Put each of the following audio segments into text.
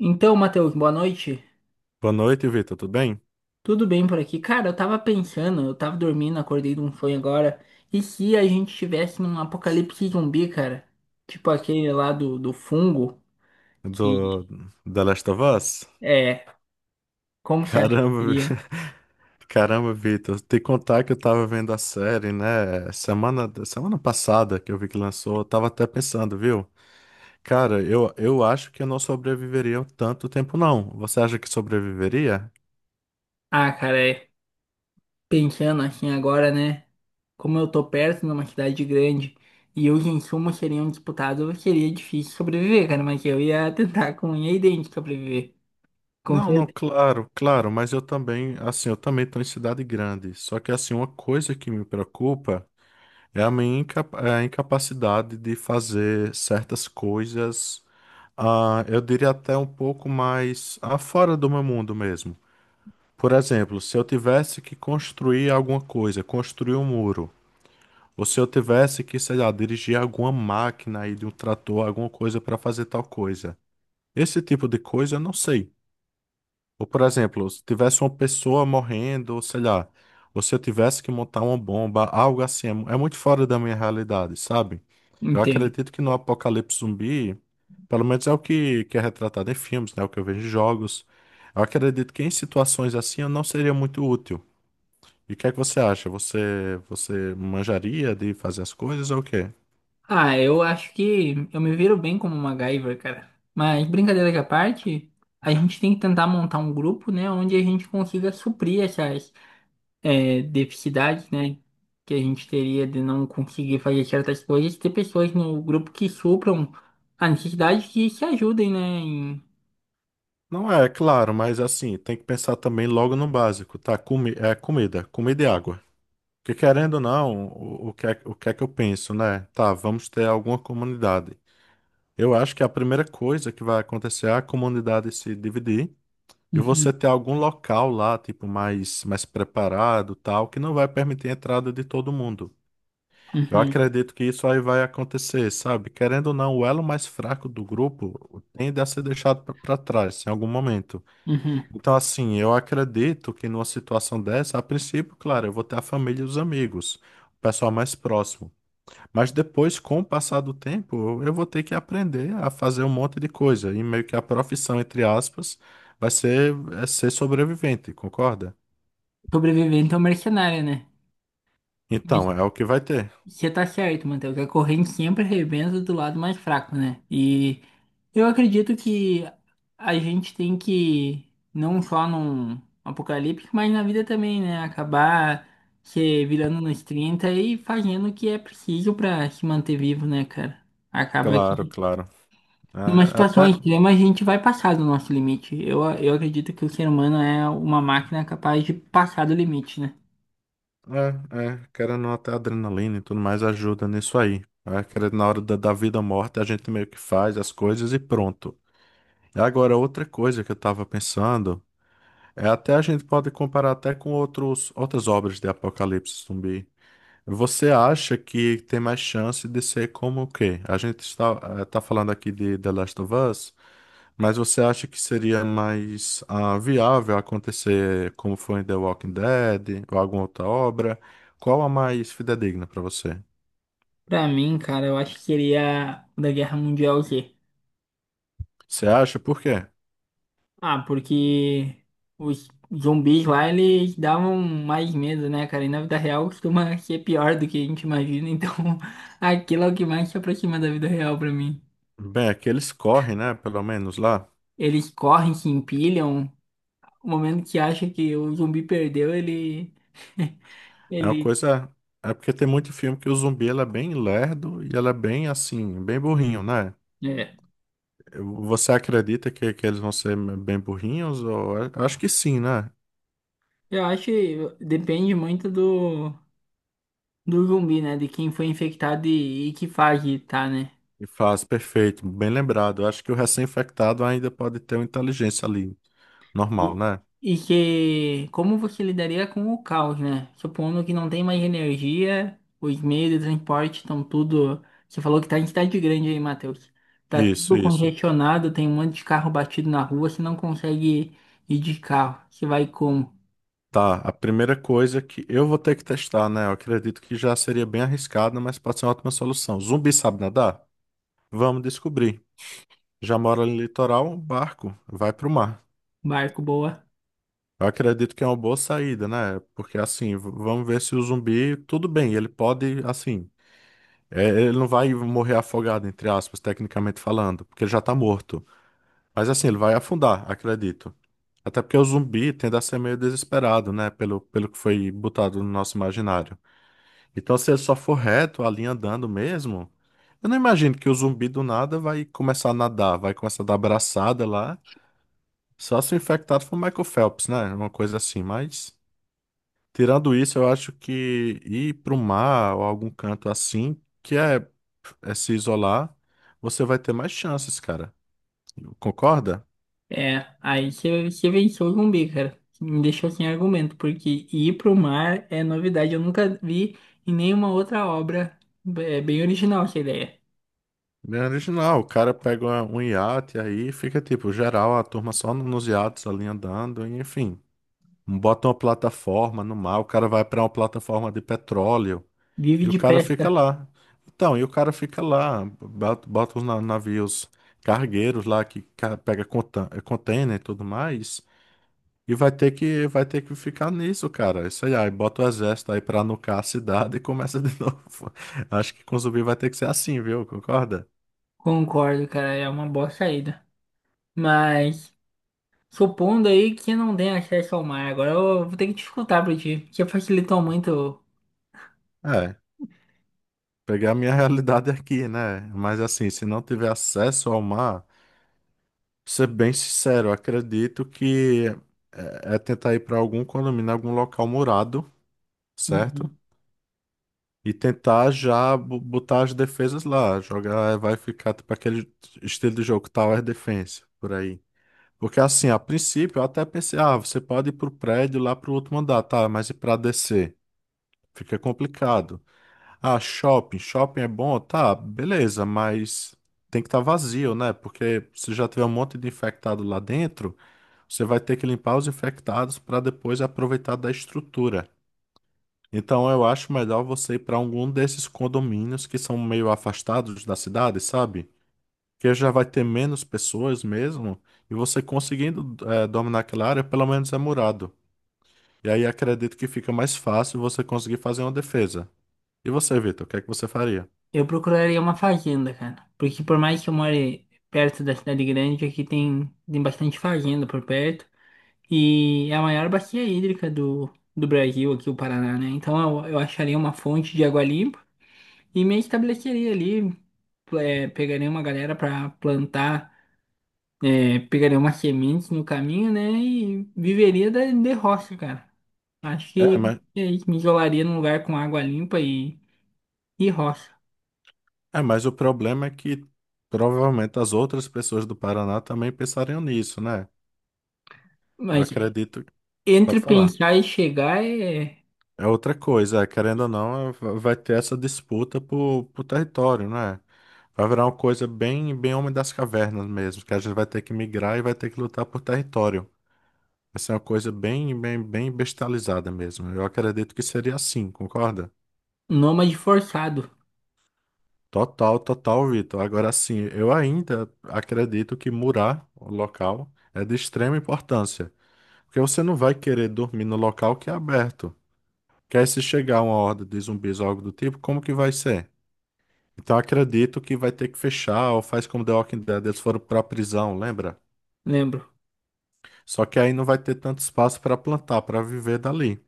Então, Matheus, boa noite. Boa noite, Vitor. Tudo bem? Tudo bem por aqui? Cara, eu tava pensando, eu tava dormindo, acordei de um sonho agora. E se a gente tivesse num apocalipse zumbi, cara? Tipo aquele lá do fungo, que Do The Last of Us? é. Como você acha que Caramba, seria? Caramba, Vitor. Te contar que eu tava vendo a série, né? Semana passada que eu vi que lançou, eu tava até pensando, viu? Cara, eu acho que eu não sobreviveria um tanto tempo, não. Você acha que sobreviveria? Ah, cara, é. Pensando assim agora, né? Como eu tô perto numa cidade grande e os insumos seriam disputados, seria difícil sobreviver, cara, mas eu ia tentar com unha e dente sobreviver. Com Não, não, certeza. claro, claro, mas eu também, assim, eu também tô em cidade grande. Só que, assim, uma coisa que me preocupa. É a incapacidade de fazer certas coisas, eu diria até um pouco mais fora do meu mundo mesmo. Por exemplo, se eu tivesse que construir alguma coisa, construir um muro, ou se eu tivesse que, sei lá, dirigir alguma máquina aí de um trator, alguma coisa para fazer tal coisa. Esse tipo de coisa eu não sei. Ou, por exemplo, se tivesse uma pessoa morrendo, ou sei lá, ou se eu tivesse que montar uma bomba, algo assim, é muito fora da minha realidade, sabe? Eu acredito que no apocalipse zumbi, pelo menos é o que é retratado em filmes, né? O que eu vejo em jogos. Eu acredito que em situações assim eu não seria muito útil. E o que é que você acha? Você manjaria de fazer as coisas ou o quê? Ah, eu acho que eu me viro bem como MacGyver, cara. Mas brincadeira à parte, a gente tem que tentar montar um grupo, né, onde a gente consiga suprir essas deficiências, né, que a gente teria de não conseguir fazer certas coisas, ter pessoas no grupo que supram a necessidade que se ajudem, né, em... Não é, é claro, mas assim, tem que pensar também logo no básico, tá? Comi é comida, comida e água. Porque querendo ou não, o que é que eu penso, né? Tá, vamos ter alguma comunidade. Eu acho que a primeira coisa que vai acontecer é a comunidade se dividir e Uhum, você ter algum local lá, tipo, mais preparado, tal, que não vai permitir a entrada de todo mundo. Eu uhum, acredito que isso aí vai acontecer, sabe? Querendo ou não, o elo mais fraco do grupo tende a ser deixado para trás em algum momento. uhum. Então, assim, eu acredito que numa situação dessa, a princípio, claro, eu vou ter a família e os amigos, o pessoal mais próximo. Mas depois, com o passar do tempo, eu vou ter que aprender a fazer um monte de coisa. E meio que a profissão, entre aspas, vai ser, é ser sobrevivente, concorda? Sobrevivente é um mercenário, né? Então, é o que vai ter. Você tá certo, Matheus, que a corrente sempre arrebenta do lado mais fraco, né? E eu acredito que a gente tem que, não só num apocalipse, mas na vida também, né? Acabar se virando nos 30 e fazendo o que é preciso pra se manter vivo, né, cara? Acaba Claro, que, claro. numa É, situação até, extrema, a gente vai passar do nosso limite. Eu acredito que o ser humano é uma máquina capaz de passar do limite, né? é, querendo ou não, até a adrenalina e tudo mais ajuda nisso aí. É, querendo, na hora da vida ou morte, a gente meio que faz as coisas e pronto. Agora, outra coisa que eu estava pensando é até a gente pode comparar até com outras obras de apocalipse zumbi. Você acha que tem mais chance de ser como o quê? A gente tá falando aqui de The Last of Us, mas você acha que seria mais viável acontecer como foi em The Walking Dead ou alguma outra obra? Qual a mais fidedigna para você? Pra mim, cara, eu acho que seria o da Guerra Mundial Z. Você acha por quê? Ah, porque os zumbis lá, eles davam mais medo, né, cara? E na vida real costuma ser pior do que a gente imagina, então aquilo é o que mais se aproxima da vida real pra mim. Bem, aqueles correm, né? Pelo menos lá. Eles correm, se empilham, o momento que acha que o zumbi perdeu, ele... É uma ele... coisa. É porque tem muito filme que o zumbi ele é bem lerdo e ele é bem assim, bem burrinho, né? É. Você acredita que eles vão ser bem burrinhos? Ou... eu acho que sim, né? Eu acho que depende muito do zumbi, né? De quem foi infectado e que fase tá, né? E faz, perfeito, bem lembrado. Eu acho que o recém-infectado ainda pode ter uma inteligência ali, normal, E, né? e que como você lidaria com o caos, né? Supondo que não tem mais energia, os meios de transporte estão tudo. Você falou que tá em cidade grande aí, Matheus. Tá Isso, tudo isso. congestionado, tem um monte de carro batido na rua, você não consegue ir de carro. Você vai como? Tá, a primeira coisa que eu vou ter que testar, né? Eu acredito que já seria bem arriscado, mas pode ser uma ótima solução. Zumbi sabe nadar? Vamos descobrir. Já mora no litoral, barco, vai pro mar. Barco boa. Eu acredito que é uma boa saída, né? Porque assim, vamos ver se o zumbi, tudo bem, ele pode, assim, é, ele não vai morrer afogado, entre aspas, tecnicamente falando, porque ele já tá morto. Mas assim, ele vai afundar, acredito. Até porque o zumbi tende a ser meio desesperado, né? Pelo que foi botado no nosso imaginário. Então, se ele só for reto, a linha andando mesmo, eu não imagino que o zumbi do nada vai começar a nadar, vai começar a dar braçada lá. Só se o infectado for o Michael Phelps, né? Uma coisa assim, mas. Tirando isso, eu acho que ir para o mar ou algum canto assim, que é, é se isolar, você vai ter mais chances, cara. Concorda? É, aí você, você venceu o zumbi, cara. Me deixou sem argumento, porque ir pro mar é novidade. Eu nunca vi em nenhuma outra obra. É bem original essa ideia. Bem original, o cara pega um iate aí, fica tipo, geral, a turma só nos iates ali andando, e, enfim. Bota uma plataforma no mar, o cara vai para uma plataforma de petróleo Vive e o de cara pesca. fica lá. Então, e o cara fica lá, bota os navios cargueiros lá pega container e tudo mais. E vai ter que ficar nisso, cara. Isso aí, aí bota o exército aí pra nucar a cidade e começa de novo. Acho que com zumbi vai ter que ser assim, viu? Concorda? Concordo, cara, é uma boa saída. Mas supondo aí que não tem acesso ao mar, agora eu vou ter que te escutar pra ti, porque facilitou muito. É, pegar a minha realidade aqui, né? Mas assim, se não tiver acesso ao mar, pra ser bem sincero, eu acredito que é tentar ir pra algum condomínio, algum local murado, certo? Uhum. E tentar já botar as defesas lá. Jogar, vai ficar tipo aquele estilo de jogo Tower Defense, por aí. Porque assim, a princípio eu até pensei, ah, você pode ir pro prédio lá pro outro andar, tá, mas e pra descer? Fica complicado. Ah, shopping é bom, tá, beleza, mas tem que estar vazio, né? Porque se já tiver um monte de infectado lá dentro, você vai ter que limpar os infectados para depois aproveitar da estrutura. Então eu acho melhor você ir para algum desses condomínios que são meio afastados da cidade, sabe? Que já vai ter menos pessoas mesmo, e você conseguindo dominar aquela área, pelo menos é murado. E aí acredito que fica mais fácil você conseguir fazer uma defesa. E você, Vitor, o que é que você faria? Eu procuraria uma fazenda, cara, porque por mais que eu more perto da cidade grande, aqui tem bastante fazenda por perto e é a maior bacia hídrica do Brasil, aqui o Paraná, né? Então eu acharia uma fonte de água limpa e me estabeleceria ali, pegaria uma galera pra plantar. Pegaria uma semente no caminho, né? E viveria da, de roça, cara. Acho É, que mas, é isso, me isolaria num lugar com água limpa e roça. é, mas o problema é que provavelmente as outras pessoas do Paraná também pensariam nisso, né? Eu Mas acredito. entre Pode falar. pensar e chegar é É outra coisa, é, querendo ou não, vai ter essa disputa por, território, né? Vai virar uma coisa bem, bem Homem das Cavernas mesmo, que a gente vai ter que migrar e vai ter que lutar por território. Vai ser uma coisa bem, bem, bem bestializada mesmo. Eu acredito que seria assim, concorda? nômade forçado, Total, total, Vitor. Agora sim, eu ainda acredito que murar o local é de extrema importância, porque você não vai querer dormir no local que é aberto. Quer se chegar uma horda de zumbis ou algo do tipo, como que vai ser? Então acredito que vai ter que fechar, ou faz como The Walking Dead, eles foram pra prisão, lembra? lembro. Só que aí não vai ter tanto espaço para plantar, para viver dali.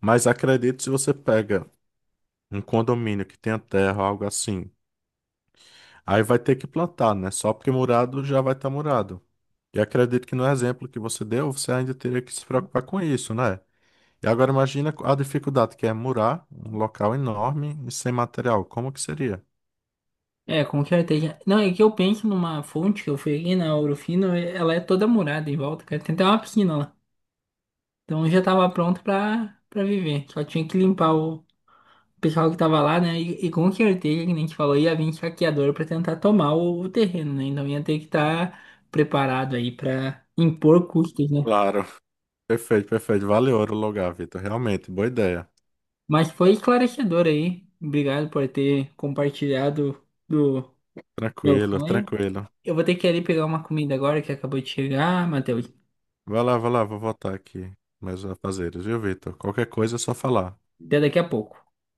Mas acredito se você pega um condomínio que tenha terra, algo assim, aí vai ter que plantar, né? Só porque murado já vai estar murado. E acredito que no exemplo que você deu, você ainda teria que se preocupar com isso, né? E agora imagina a dificuldade que é murar um local enorme e sem material. Como que seria? É, com certeza. Não, é que eu penso numa fonte que eu fui aqui na Ourofino, ela é toda murada em volta, cara. Tem até uma piscina lá. Então eu já tava pronto pra, pra viver. Só tinha que limpar o pessoal que tava lá, né? E com certeza, que nem a gente falou, ia vir saqueador pra tentar tomar o terreno, né? Então ia ter que estar preparado aí pra impor custos, né? Claro. Perfeito, perfeito. Valeu, o Lugar, Vitor. Realmente, boa ideia. Mas foi esclarecedor aí. Obrigado por ter compartilhado do meu Tranquilo, sonho. tranquilo. Eu vou ter que ir ali pegar uma comida agora que acabou de chegar, Matheus. Vai lá, vou voltar aqui. Mais afazeres, viu, Vitor? Qualquer coisa é só falar. Até daqui a pouco.